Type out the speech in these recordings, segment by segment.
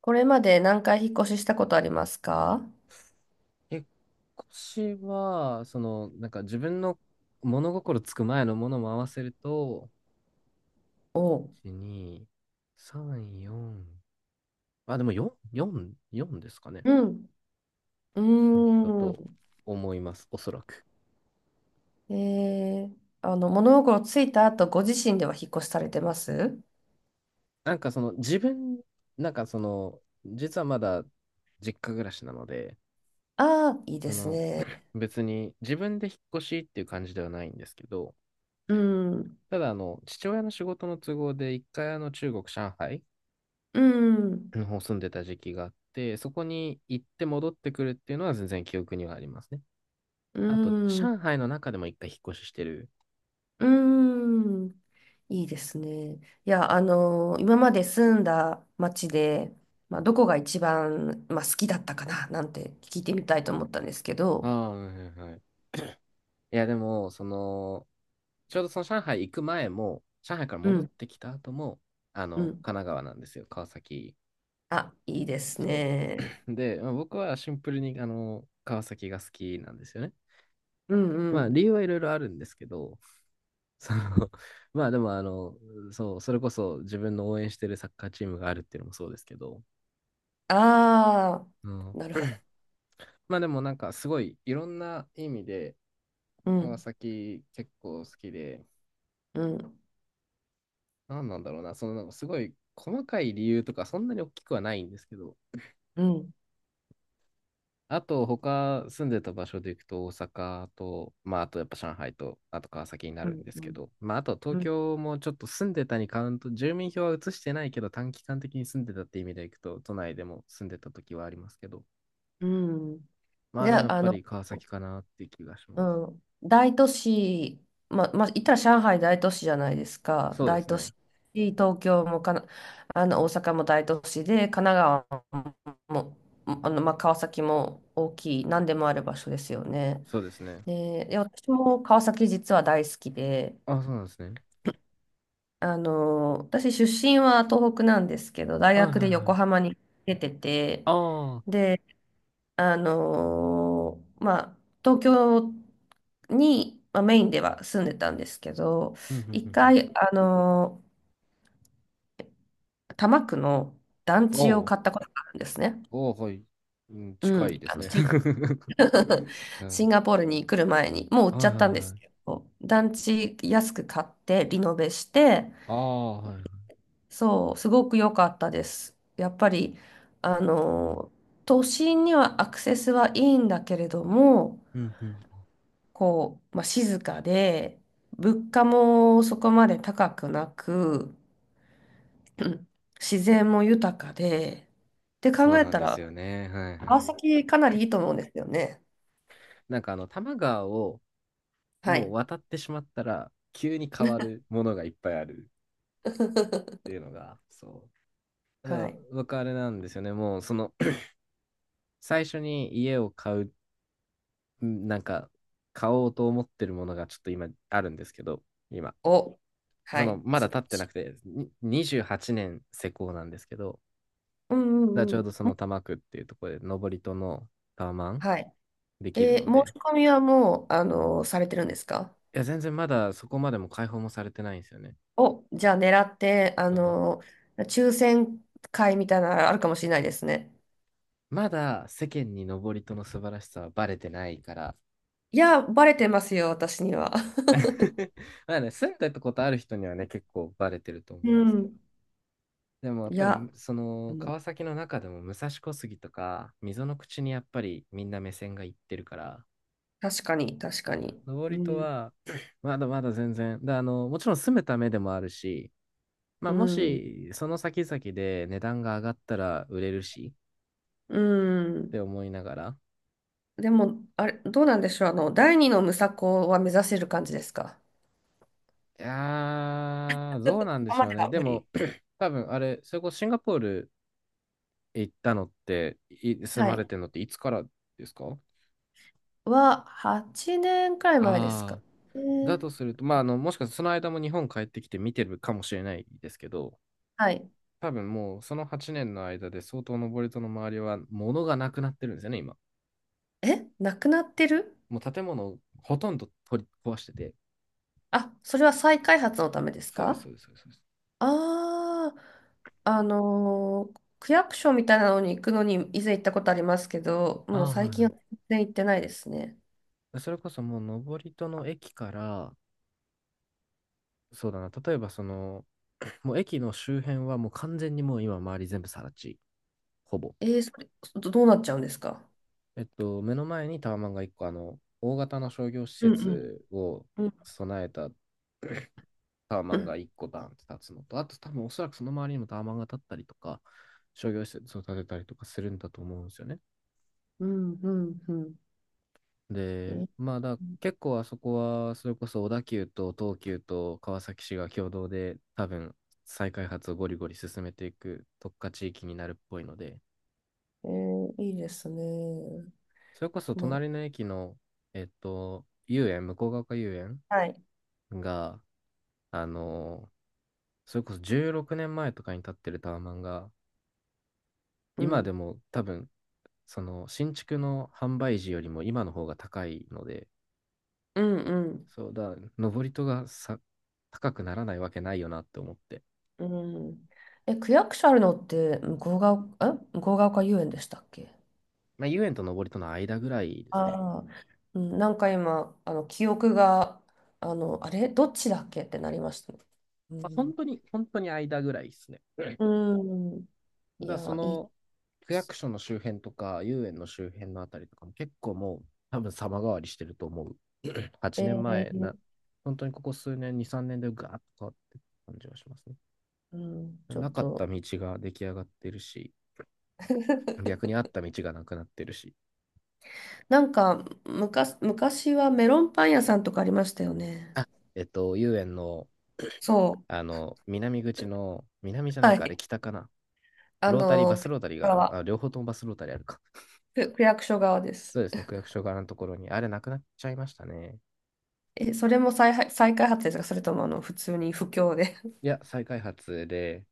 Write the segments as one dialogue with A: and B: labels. A: これまで何回引っ越ししたことありますか？
B: 引っ越しは、自分の物心つく前のものも合わせると、
A: おう。
B: 1、2、3、4。あ、でも4、4、4ですかね。
A: うん。う
B: うんだ
A: ー
B: と
A: ん。
B: 思います、おそらく。
A: えー、物心ついた後、ご自身では引っ越しされてます
B: なんかその自分、なんかその、実はまだ実家暮らしなので、
A: ああー、いい
B: あ
A: です
B: の、
A: ね。
B: 別に自分で引っ越しっていう感じではないんですけど、
A: うん。
B: ただ父親の仕事の都合で一回中国、上海
A: うん。
B: の方住んでた時期があって、そこに行って戻ってくるっていうのは全然記憶にはありますね。
A: う
B: あと、
A: ん。
B: 上海の中でも一回引っ越ししてる。
A: うん。いいですね。いや、あの、今まで住んだ町で、まあ、どこが一番、まあ、好きだったかななんて聞いてみたいと思ったんですけ
B: あ
A: ど。
B: あ、はいはいはい。いや、でも、ちょうどその上海行く前も、上海から
A: う
B: 戻っ
A: ん。
B: てきた後も、
A: う
B: 神
A: ん。
B: 奈川なんですよ、川崎。
A: あ、いいです
B: そう。
A: ね。
B: で、まあ僕はシンプルに、川崎が好きなんですよね。
A: うんう
B: まあ、
A: ん。
B: 理由はいろいろあるんですけど、その、まあでも、そう、それこそ自分の応援してるサッカーチームがあるっていうのもそうですけど、
A: ああ、
B: うん。
A: なるほど。
B: まあでもすごいいろんな意味で
A: う
B: 川
A: ん、
B: 崎結構好きで、
A: うん、
B: なんなんだろうな、すごい細かい理由とかそんなに大きくはないんですけど、
A: うん、
B: あと他住んでた場所で行くと大阪と、まああとやっぱ上海と、あと川崎にな
A: う
B: るん
A: ん、
B: です
A: う
B: け
A: ん。
B: ど、まああと
A: う
B: 東
A: ん
B: 京もちょっと住んでたにカウント、住民票は移してないけど短期間的に住んでたって意味で行くと、都内でも住んでた時はありますけど、
A: うん。
B: まあ
A: じ
B: で
A: ゃ
B: もやっ
A: あ、あ
B: ぱ
A: の、
B: り川崎かなって気がし
A: う
B: ます。
A: ん、大都市、言ったら上海大都市じゃないですか。
B: そうで
A: 大
B: す
A: 都
B: ね。
A: 市、東京もかな、あの、大阪も大都市で、神奈川も、あの、ま、川崎も大きい、何でもある場所ですよね。
B: そうですね。
A: で、で私も川崎実は大好きで、
B: あ、そうなんですね。
A: あの、私出身は東北なんですけど、大
B: はいは
A: 学で
B: いは
A: 横
B: い。
A: 浜に出てて、
B: ああ。
A: で、あの、まあ、東京に、まあ、メインでは住んでたんですけど、
B: うん、うん、う
A: 一
B: ん、うん。
A: 回、あの、多摩区の団地を
B: お
A: 買っ
B: う、
A: たことがあるんですね。
B: おう、はい。うん、
A: う
B: 近い
A: ん、
B: ですね。う
A: シ
B: ん、
A: ンガポールに来る前に、もう売っ
B: はい
A: ちゃ
B: はい
A: ったんです
B: は
A: け
B: い。
A: ど、団地安く買ってリノベして、
B: ああ、はいはい。
A: そう、すごく良かったです。やっぱり、あの、都心にはアクセスはいいんだけれども、
B: うん、うん。
A: こう、まあ、静かで、物価もそこまで高くなく、うん、自然も豊かで、って
B: そ
A: 考
B: う
A: え
B: なん
A: た
B: ですよ
A: ら、
B: ね。はいは
A: 川
B: い。
A: 崎かなりいいと思うんですよね。
B: 多摩川を
A: は
B: もう
A: い。
B: 渡ってしまったら、急に変わるものがいっぱいあるってい うのが、そう。た
A: は
B: だ、
A: い。
B: 僕あれなんですよね。もう、最初に家を買う、んなんか、買おうと思ってるものがちょっと今あるんですけど、今。
A: お、はい。
B: まだ
A: 素晴
B: 経
A: ら
B: って
A: し
B: な
A: い。
B: くて、に28年施工なんですけど、
A: うんう
B: だち
A: ん
B: ょうどそ
A: う
B: の
A: ん。
B: 多摩区っていうところで、登戸のタワマン
A: はい。
B: できる
A: えー、申
B: ので、
A: し込みはもう、あの、されてるんですか？
B: いや、全然まだそこまでも開放もされてないんですよね。
A: お、じゃあ狙って、あ
B: そう。
A: の、抽選会みたいなのあるかもしれないですね。
B: まだ世間に登戸の素晴らしさはバレてないから
A: いや、バレてますよ、私には。
B: まあね、住んでたことある人にはね、結構バレてると思う
A: う
B: んですけど。
A: ん。
B: でもやっ
A: い
B: ぱり、
A: や、もう
B: 川崎の中でも武蔵小杉とか、溝の口にやっぱりみんな目線がいってるから、
A: 確かに、確かに。う
B: 登戸
A: ん。
B: は、まだまだ全然。で、もちろん住むためでもあるし、ま
A: う
B: あ、も
A: ん。
B: し、その先々で値段が上がったら売れるし、
A: う
B: っ
A: ん。
B: て思いながら。
A: でも、あれ、どうなんでしょう。あの、第二のムサコは目指せる感じですか？
B: いやー、どうなん
A: そ
B: で
A: こ
B: し
A: ま
B: ょう
A: で
B: ね。
A: は
B: で
A: 無理。
B: も、多分、あれ、それこそシンガポール行ったのって、住
A: は
B: まれ
A: い。
B: てるのっていつからですか？
A: は、8年くらい前ですか。
B: ああ
A: え
B: ー、だ
A: ー
B: とすると、まあ、もしかしたらその間も日本帰ってきて見てるかもしれないですけど、
A: はい。
B: 多分もうその8年の間で相当登戸の周りは物がなくなってるんですよね、今。
A: え、なくなってる？
B: もう建物をほとんど取り壊してて。
A: あ、それは再開発のためです
B: そうです、
A: か？
B: そうです、そうですそうです。
A: ああ、あのー、区役所みたいなのに行くのに以前行ったことありますけど、
B: あ
A: もう
B: あ、はい
A: 最近は
B: は
A: 全然行ってないですね。
B: い。それこそもう登戸の駅から、そうだな、例えばもう駅の周辺はもう完全にもう今周り全部更地、ほぼ。
A: えー、それ、どうなっちゃうんですか？
B: えっと、目の前にタワマンが1個、大型の商業施
A: うんうん。
B: 設を
A: うん、
B: 備えたタワ マ
A: う
B: ンが
A: ん、
B: 1個だンって立つのと、あと多分おそらくその周りにもタワマンが立ったりとか、商業施設を建てたりとかするんだと思うんですよね。
A: うん、うん。え
B: で、
A: ー、
B: まあだ、結構あそこは、それこそ小田急と東急と川崎市が共同で、多分再開発をゴリゴリ進めていく特化地域になるっぽいので、
A: えーいいですね。
B: それこそ
A: もう、
B: 隣の駅の、えっと、遊園、向ヶ丘遊園
A: はい。
B: が、あのそれこそ16年前とかに建ってるタワマンが、
A: う
B: 今
A: ん、
B: でも多分、その新築の販売時よりも今の方が高いので、
A: うん、
B: そうだ、登り戸がさ、高くならないわけないよなって思って。
A: うん、うん。え、区役所あるのって、向ヶ丘遊園でしたっけ？
B: まあ、遊園と登戸の間ぐらいですね。
A: ああ、うん、なんか今、あの、記憶が、あの、あれどっちだっけってなりましたね。う
B: まあ、本
A: ん。
B: 当に、本当に間ぐらいですね。うん。
A: うん。
B: だ
A: い
B: からそ
A: や、いっ
B: の区役所の周辺とか、遊園の周辺のあたりとかも結構もう、多分様変わりしてると思う。8年
A: て、
B: 前な、本当にここ数年、2、3年でガーッと変わってる感じがしますね。
A: うん、ちょ
B: な
A: っ
B: かった
A: と。
B: 道が出来上がってるし、逆にあ った道がなくなってるし。
A: なんか、昔はメロンパン屋さんとかありましたよね。
B: あ、えっと、遊園の、
A: そう。
B: 南口の、南じゃない
A: は
B: か、あれ
A: い。
B: 北かな。
A: あ
B: ロータリー、バ
A: の、
B: スロータリーが、
A: 側、
B: あ両方ともバスロータリーあるか。
A: 区役所側で
B: そ
A: す。
B: うですね、区役所側のところに。あれ、なくなっちゃいましたね。
A: え、それも再開発ですか？それとも、あの、普通に不況で。
B: いや、再開発で、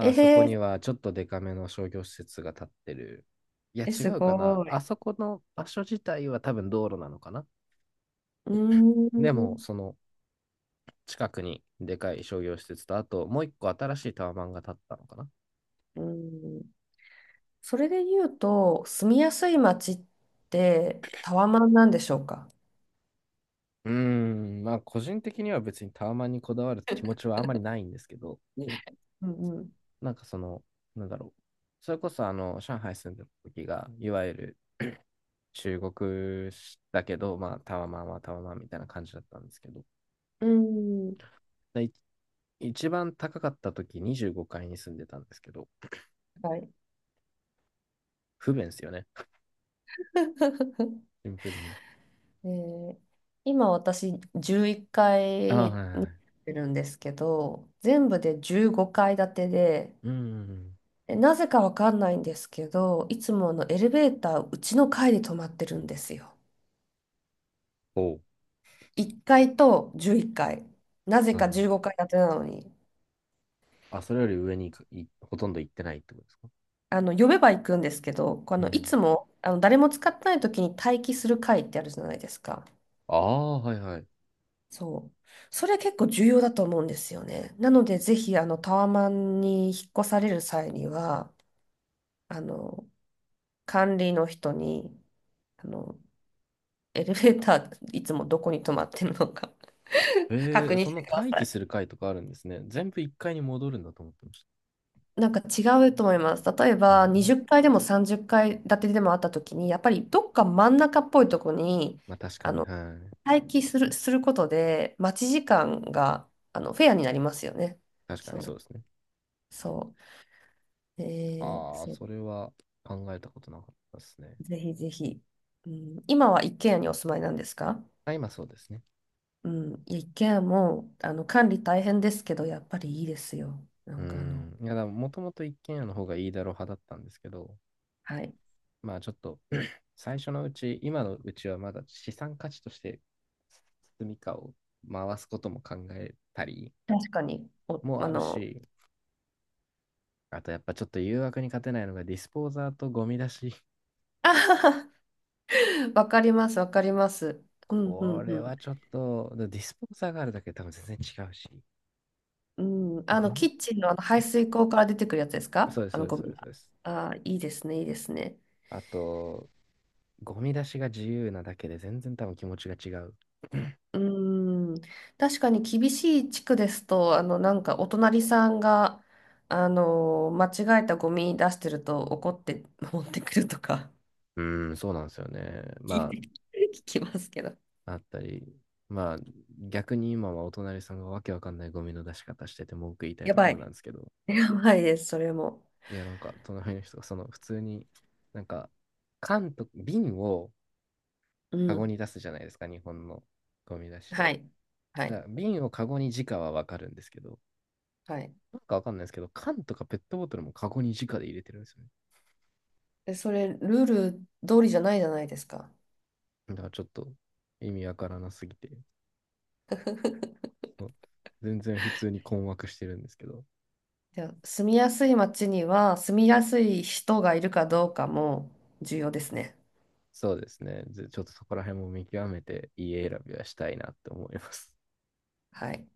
A: え
B: あそこに
A: ー、
B: はちょっとデカめの商業施設が建ってる。いや、
A: え、
B: 違
A: す
B: うかな。
A: ご
B: あ
A: い。
B: そこの場所自体は多分道路なのかな。
A: うー
B: で
A: ん。
B: も、
A: う
B: その近くにでかい商業施設と、あともう一個新しいタワマンが建ったのかな。
A: ーん、それで言うと、住みやすい街ってタワマンなんでしょうか？
B: うーん、まあ、個人的には別にタワマンにこだわる気持ちはあまりないんですけど、うん。
A: うん
B: なんかその、なんだろう。それこそ、上海住んでる時が、いわゆる中国だけど、まあ、タワマンはタワマンみたいな感じだったんですけど、
A: うん。うん。
B: でい一番高かった時25階に住んでたんですけど、
A: はい。
B: 不便ですよね。シンプルに。
A: で、今私11階
B: あ
A: い
B: あ、
A: っ
B: はいは
A: か
B: い
A: い
B: はい。
A: いるんですけど、全部で15階建てで、
B: うんうんうん。
A: なぜかわかんないんですけど、いつもあのエレベーターうちの階で止まってるんですよ。
B: おう。
A: 1階と11階。なぜ
B: はいは
A: か
B: い。
A: 15階建てなのに。
B: あ、それより上に行くほとんど行ってないってことですか？
A: あの、呼べば行くんですけど、こうあ
B: う
A: の、い
B: ん。
A: つも、あの、誰も使ってない時に待機する会ってあるじゃないですか。
B: ああ、はいはい。
A: そう。それ結構重要だと思うんですよね。なので、ぜひ、あの、タワマンに引っ越される際には、あの、管理の人に、あの、エレベーター、いつもどこに止まってるのか
B: え
A: 確
B: ー、
A: 認
B: そ
A: し
B: んな
A: てくだ
B: 待
A: さ
B: 機
A: い。
B: する階とかあるんですね。全部1階に戻るんだと思ってまし
A: なんか違うと思います。例え
B: た。う
A: ば、
B: ん。
A: 20階でも30階建てでもあった時に、やっぱりどっか真ん中っぽいとこに、
B: まあ確か
A: あ
B: に、
A: の、
B: はい。
A: 待機する、することで、待ち時間が、あの、フェアになりますよね。
B: 確か
A: そ
B: にそう
A: う、
B: ですね。
A: そう。えー、
B: ああ、
A: そう、
B: それは考えたことなかったですね。
A: ぜひぜひ。うん、今は一軒家にお住まいなんですか？
B: あ、今そうですね。
A: うん、いや一軒家も、あの、管理大変ですけど、やっぱりいいですよ。な
B: う
A: んかあの、
B: ん。いや、だもともと一軒家の方がいいだろう派だったんですけど、
A: はい。
B: まあちょっと、最初のうち、今のうちはまだ資産価値として住みかを回すことも考えたり
A: 確かに、お、
B: も
A: あ
B: ある
A: の、
B: し、あとやっぱちょっと誘惑に勝てないのがディスポーザーとゴミ出し。
A: あはは、わかります、わかります。うん、う
B: こ
A: ん、
B: れ
A: うん。
B: はちょっと、ディスポーザーがあるだけで多分全然違うし、
A: うん、あの、
B: ゴ
A: キ
B: ミ、
A: ッチンの、あの排水口から出てくるやつです
B: そ
A: か？
B: うです、
A: あ
B: そう
A: の、
B: です、
A: ゴ
B: そう
A: ミ
B: です。そう
A: が。
B: です。
A: ああ、いいですね、いいですね。
B: あと、ゴミ出しが自由なだけで全然多分気持ちが違う。
A: うーん、確かに厳しい地区ですと、あの、なんかお隣さんが、あの、間違えたゴミ出してると怒って 持ってくるとか
B: うーん、そうなんですよね。ま
A: 聞きますけど。
B: あ、あったり、まあ、逆に今はお隣さんがわけわかんないゴミの出し方してて文句言いたい
A: や
B: とこ
A: ば
B: ろな
A: い。
B: んですけど、
A: やばいです、それも。
B: いや、なんか、隣の人が、普通に、なんか、缶と、瓶を
A: う
B: カゴ
A: ん。
B: に出すじゃないですか、日本のゴミ出しで。
A: はい。は
B: だか
A: い。
B: ら瓶をカゴに直はわかるんですけど、
A: はい。
B: なんかわかんないですけど、缶とかペットボトルもカゴに直で入れてるんですよね。
A: で、それ、ルール通りじゃないじゃないですか。
B: だからちょっと意味わからなすぎて、そう全然普通に困惑してるんですけど。
A: じゃあ住みやすい街には、住みやすい人がいるかどうかも重要ですね。
B: そうですね。ずちょっとそこら辺も見極めて家選びはしたいなって思います。
A: はい。